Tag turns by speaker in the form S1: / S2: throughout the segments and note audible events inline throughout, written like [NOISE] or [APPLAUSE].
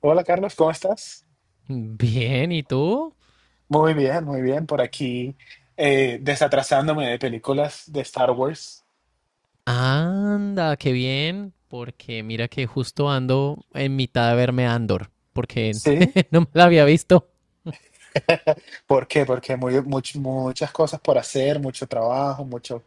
S1: Hola Carlos, ¿cómo estás?
S2: Bien, ¿y tú?
S1: Muy bien, muy bien. Por aquí desatrasándome de películas de Star Wars.
S2: Anda, qué bien, porque mira que justo ando en mitad de verme Andor, porque
S1: ¿Sí?
S2: [LAUGHS] no me la había visto.
S1: [LAUGHS] ¿Por qué? Porque muy, muchas cosas por hacer, mucho trabajo, mucho.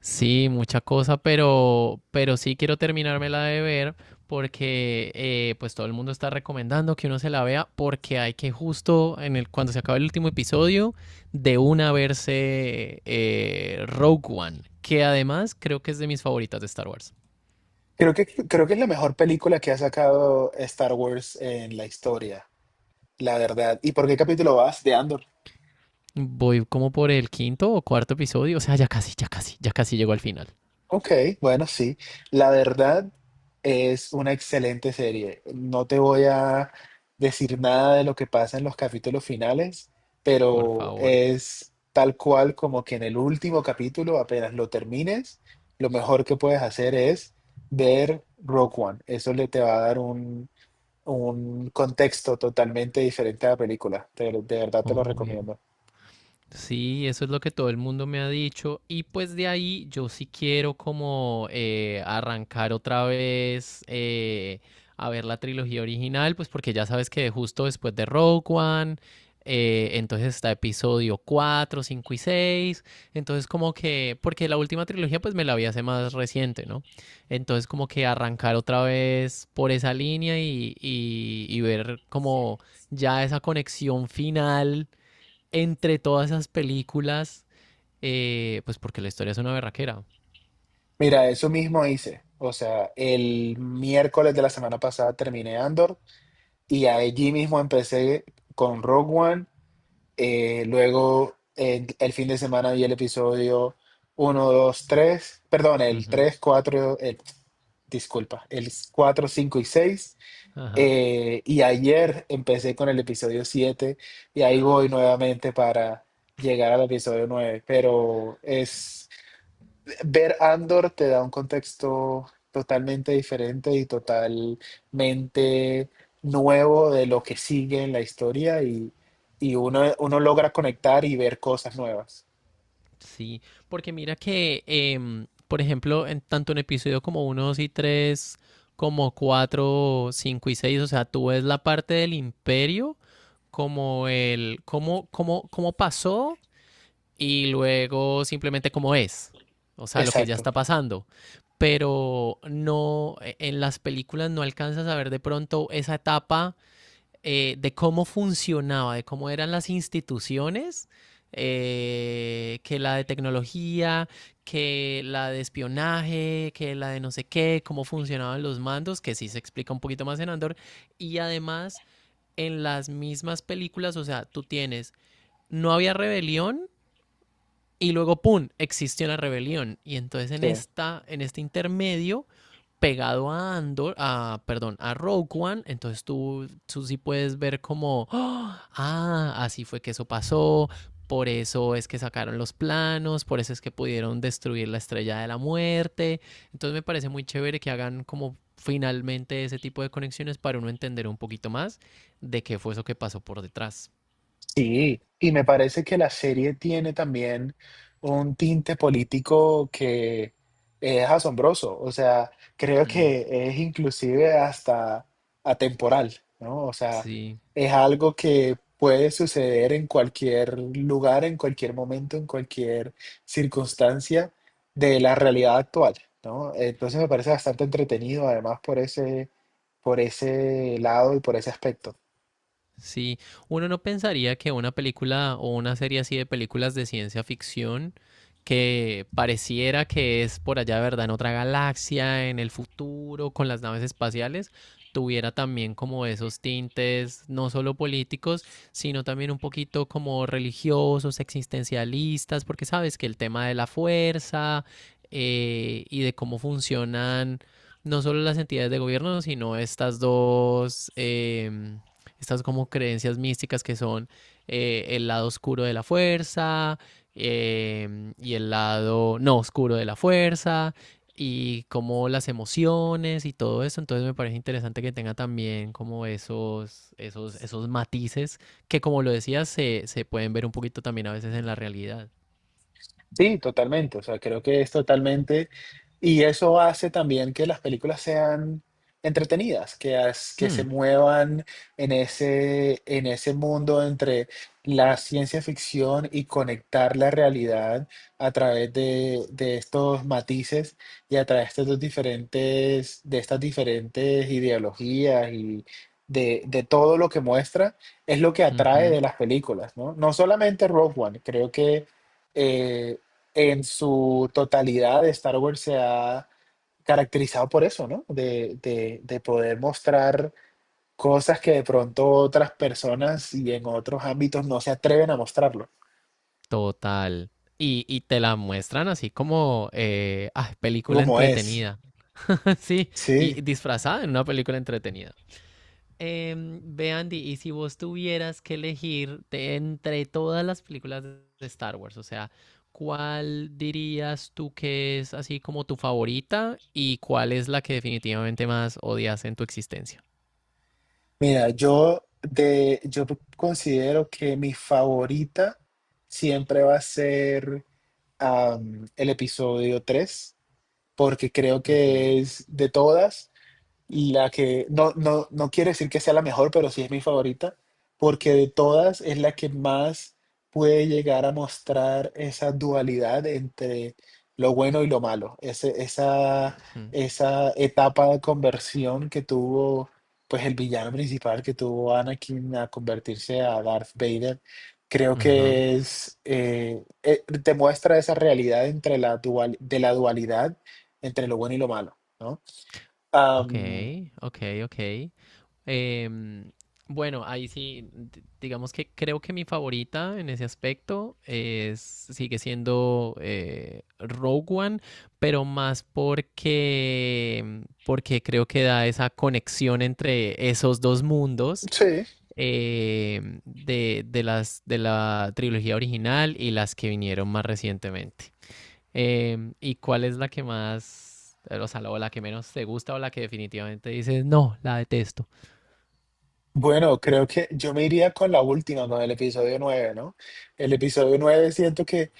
S2: Sí, mucha cosa, pero sí quiero terminármela de ver porque pues todo el mundo está recomendando que uno se la vea porque hay que justo en el, cuando se acabe el último episodio de una verse Rogue One, que además creo que es de mis favoritas de Star Wars.
S1: Creo que es la mejor película que ha sacado Star Wars en la historia, la verdad. ¿Y por qué capítulo vas de Andor?
S2: Voy como por el quinto o cuarto episodio. O sea, ya casi, ya casi, ya casi llego al final.
S1: Ok, bueno, sí. La verdad es una excelente serie. No te voy a decir nada de lo que pasa en los capítulos finales,
S2: Por
S1: pero
S2: favor.
S1: es tal cual como que en el último capítulo, apenas lo termines, lo mejor que puedes hacer es ver Rogue One. Eso le te va a dar un contexto totalmente diferente a la película. De verdad te lo
S2: Obvio.
S1: recomiendo.
S2: Sí, eso es lo que todo el mundo me ha dicho. Y pues de ahí yo sí quiero como arrancar otra vez a ver la trilogía original, pues porque ya sabes que justo después de Rogue One, entonces está episodio 4, 5 y seis. Entonces como que, porque la última trilogía pues me la vi hace más reciente, ¿no? Entonces como que arrancar otra vez por esa línea y ver como ya esa conexión final entre todas esas películas, pues porque la historia es una berraquera.
S1: Mira, eso mismo hice. O sea, el miércoles de la semana pasada terminé Andor. Y allí mismo empecé con Rogue One. Luego el fin de semana vi el episodio uno 2 tres. Perdón, el
S2: Ujú.
S1: 3 4 disculpa, el 4 5 y seis.
S2: Ajá.
S1: Y ayer empecé con el episodio 7 y ahí voy nuevamente para llegar al episodio nueve. Pero es, ver Andor te da un contexto totalmente diferente y totalmente nuevo de lo que sigue en la historia y uno logra conectar y ver cosas nuevas.
S2: Sí, porque mira que, por ejemplo, en tanto en episodio como uno, 2 y 3, como 4, 5 y 6, o sea, tú ves la parte del imperio como el cómo pasó y luego simplemente cómo es, o sea, lo que ya
S1: Exacto.
S2: está pasando. Pero no, en las películas no alcanzas a ver de pronto esa etapa de cómo funcionaba, de cómo eran las instituciones, que la de tecnología, que la de espionaje, que la de no sé qué, cómo funcionaban los mandos, que sí se explica un poquito más en Andor. Y además, en las mismas películas, o sea, tú tienes, no había rebelión, y luego, ¡pum!, existió una rebelión. Y entonces
S1: Sí.
S2: en este intermedio, pegado a Andor, a, perdón, a Rogue One, entonces tú sí puedes ver como, [GASPS] ¡oh! ah, así fue que eso pasó, por eso es que sacaron los planos, por eso es que pudieron destruir la estrella de la muerte. Entonces me parece muy chévere que hagan como finalmente ese tipo de conexiones para uno entender un poquito más de qué fue eso que pasó por detrás.
S1: Sí, y me parece que la serie tiene también un tinte político que es asombroso, o sea, creo
S2: Mm,
S1: que es inclusive hasta atemporal, ¿no? O sea,
S2: sí.
S1: es algo que puede suceder en cualquier lugar, en cualquier momento, en cualquier circunstancia de la realidad actual, ¿no? Entonces me parece bastante entretenido, además, por ese lado y por ese aspecto.
S2: Sí, uno no pensaría que una película o una serie así de películas de ciencia ficción que pareciera que es por allá, ¿verdad? En otra galaxia, en el futuro, con las naves espaciales, tuviera también como esos tintes, no solo políticos, sino también un poquito como religiosos, existencialistas, porque sabes que el tema de la fuerza y de cómo funcionan no solo las entidades de gobierno, sino estas estas como creencias místicas que son el lado oscuro de la fuerza y el lado no oscuro de la fuerza y como las emociones y todo eso. Entonces me parece interesante que tenga también como esos matices que como lo decías se pueden ver un poquito también a veces en la realidad.
S1: Sí, totalmente. O sea, creo que es totalmente. Y eso hace también que las películas sean entretenidas, que, que se
S2: Hmm.
S1: muevan en ese mundo entre la ciencia ficción y conectar la realidad a través de estos matices y a través de estos diferentes, de estas diferentes ideologías y de todo lo que muestra, es lo que atrae
S2: Ujú.
S1: de las películas, ¿no? No solamente Rogue One, creo que. eh, en su totalidad, Star Wars se ha caracterizado por eso, ¿no? De poder mostrar cosas que de pronto otras personas y en otros ámbitos no se atreven a mostrarlo,
S2: Total. Y te la muestran así como ah, película
S1: como es.
S2: entretenida. [LAUGHS] Sí,
S1: Sí.
S2: y disfrazada en una película entretenida. Ve Andy, y si vos tuvieras que elegir de entre todas las películas de Star Wars, o sea, ¿cuál dirías tú que es así como tu favorita y cuál es la que definitivamente más odias en tu existencia?
S1: Mira, yo considero que mi favorita siempre va a ser el episodio tres, porque creo
S2: Ujú,
S1: que es de todas la que no, quiere decir que sea la mejor, pero sí es mi favorita, porque de todas es la que más puede llegar a mostrar esa dualidad entre lo bueno y lo malo. Ese- esa,
S2: ujú.
S1: esa etapa de conversión que tuvo pues el villano principal que tuvo Anakin a convertirse a Darth Vader, creo
S2: Ajá,
S1: que es, te muestra esa realidad entre de la dualidad entre lo bueno y lo malo, ¿no?
S2: ok, ok, ok. Em, bueno, ahí sí, digamos que creo que mi favorita en ese aspecto es, sigue siendo Rogue One, pero más porque, porque creo que da esa conexión entre esos dos mundos
S1: Sí.
S2: de la trilogía original y las que vinieron más recientemente. Em, ¿y cuál es la que más, o sea, la- o la que menos te gusta o la que definitivamente dices, no, la detesto?
S1: Bueno, creo que yo me iría con la última, con el episodio 9, ¿no? El episodio 9 siento que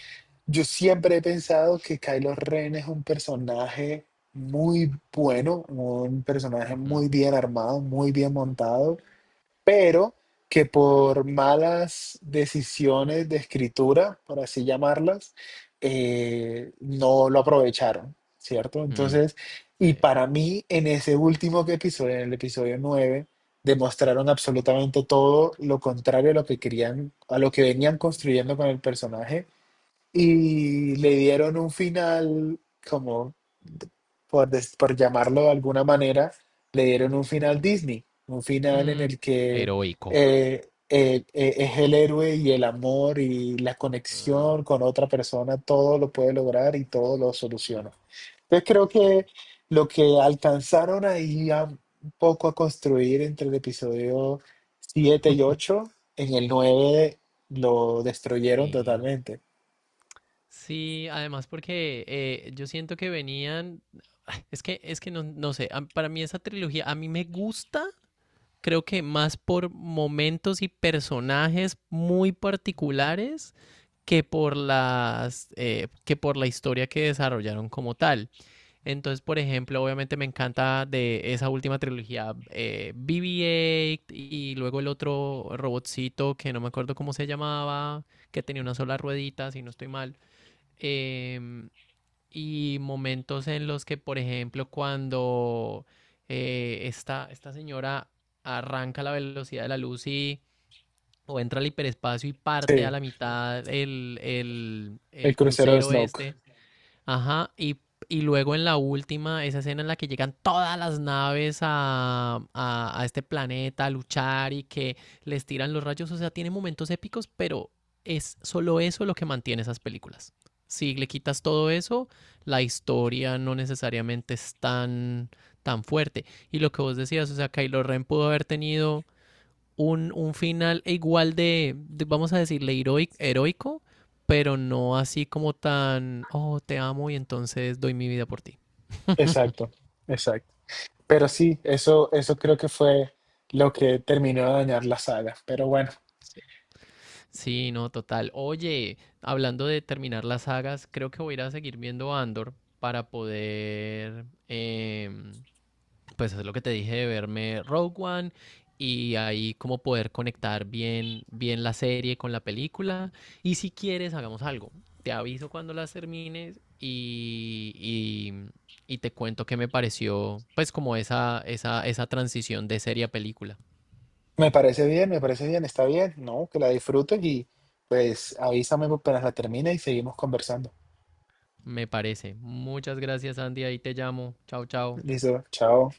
S1: yo siempre he pensado que Kylo Ren es un personaje muy bueno, un personaje
S2: Ujú.
S1: muy bien armado, muy bien montado. Pero que por malas decisiones de escritura, por así llamarlas, no lo aprovecharon, ¿cierto?
S2: Mm.
S1: Entonces,
S2: Sí.
S1: y para mí en ese último que episodio, en el episodio 9, demostraron absolutamente todo lo contrario a lo que querían, a lo que venían construyendo con el personaje, y le dieron un final como, por llamarlo de alguna manera, le dieron un final Disney, un final en
S2: Mm.
S1: el que
S2: Heroico.
S1: es el héroe y el amor y la
S2: Mm,
S1: conexión con otra persona, todo lo puede lograr y todo lo
S2: mm,
S1: soluciona. Entonces creo
S2: sí.
S1: que lo que alcanzaron ahí un poco a construir entre el episodio 7 y
S2: [LAUGHS]
S1: ocho, en el 9 lo destruyeron
S2: Sí.
S1: totalmente.
S2: Sí, además porque yo siento que venían. [SIGHS] Es que no, no sé. Para mí esa trilogía, a mí me gusta. Creo que más por momentos y personajes muy particulares, que por las que por la historia que desarrollaron como tal. Entonces, por ejemplo, obviamente me encanta de esa última trilogía BB-8 y luego el otro robotcito que no me acuerdo cómo se llamaba, que tenía una sola ruedita, si no estoy mal. Em, y momentos en los que, por ejemplo, cuando esta señora arranca a la velocidad de la luz y o entra al hiperespacio y parte a
S1: Sí.
S2: la mitad
S1: El
S2: el
S1: crucero de
S2: crucero
S1: Snoke.
S2: este. Ajá, y luego en la última, esa escena en la que llegan todas las naves a este planeta a luchar y que les tiran los rayos, o sea, tiene momentos épicos, pero es solo eso lo que mantiene esas películas. Si le quitas todo eso, la historia no necesariamente es tan, tan fuerte. Y lo que vos decías, o sea, Kylo Ren pudo haber tenido un final igual de, vamos a decirle, heroico, pero no así como tan, oh, te amo y entonces doy mi vida por ti.
S1: Exacto, exacto. Pero sí, eso creo que fue lo que terminó de dañar la saga. Pero bueno,
S2: Sí. Sí, no, total. Oye, hablando de terminar las sagas, creo que voy a ir a seguir viendo Andor para poder pues es lo que te dije de verme Rogue One y ahí como poder conectar bien, bien la serie con la película. Y si quieres, hagamos algo. Te aviso cuando las termines y te cuento qué me pareció, pues como esa transición de serie a película.
S1: me parece bien, está bien, ¿no? Que la disfrutes y pues avísame apenas la termine y seguimos conversando.
S2: Me parece. Muchas gracias, Andy. Ahí te llamo. Chao, chao.
S1: Listo, chao.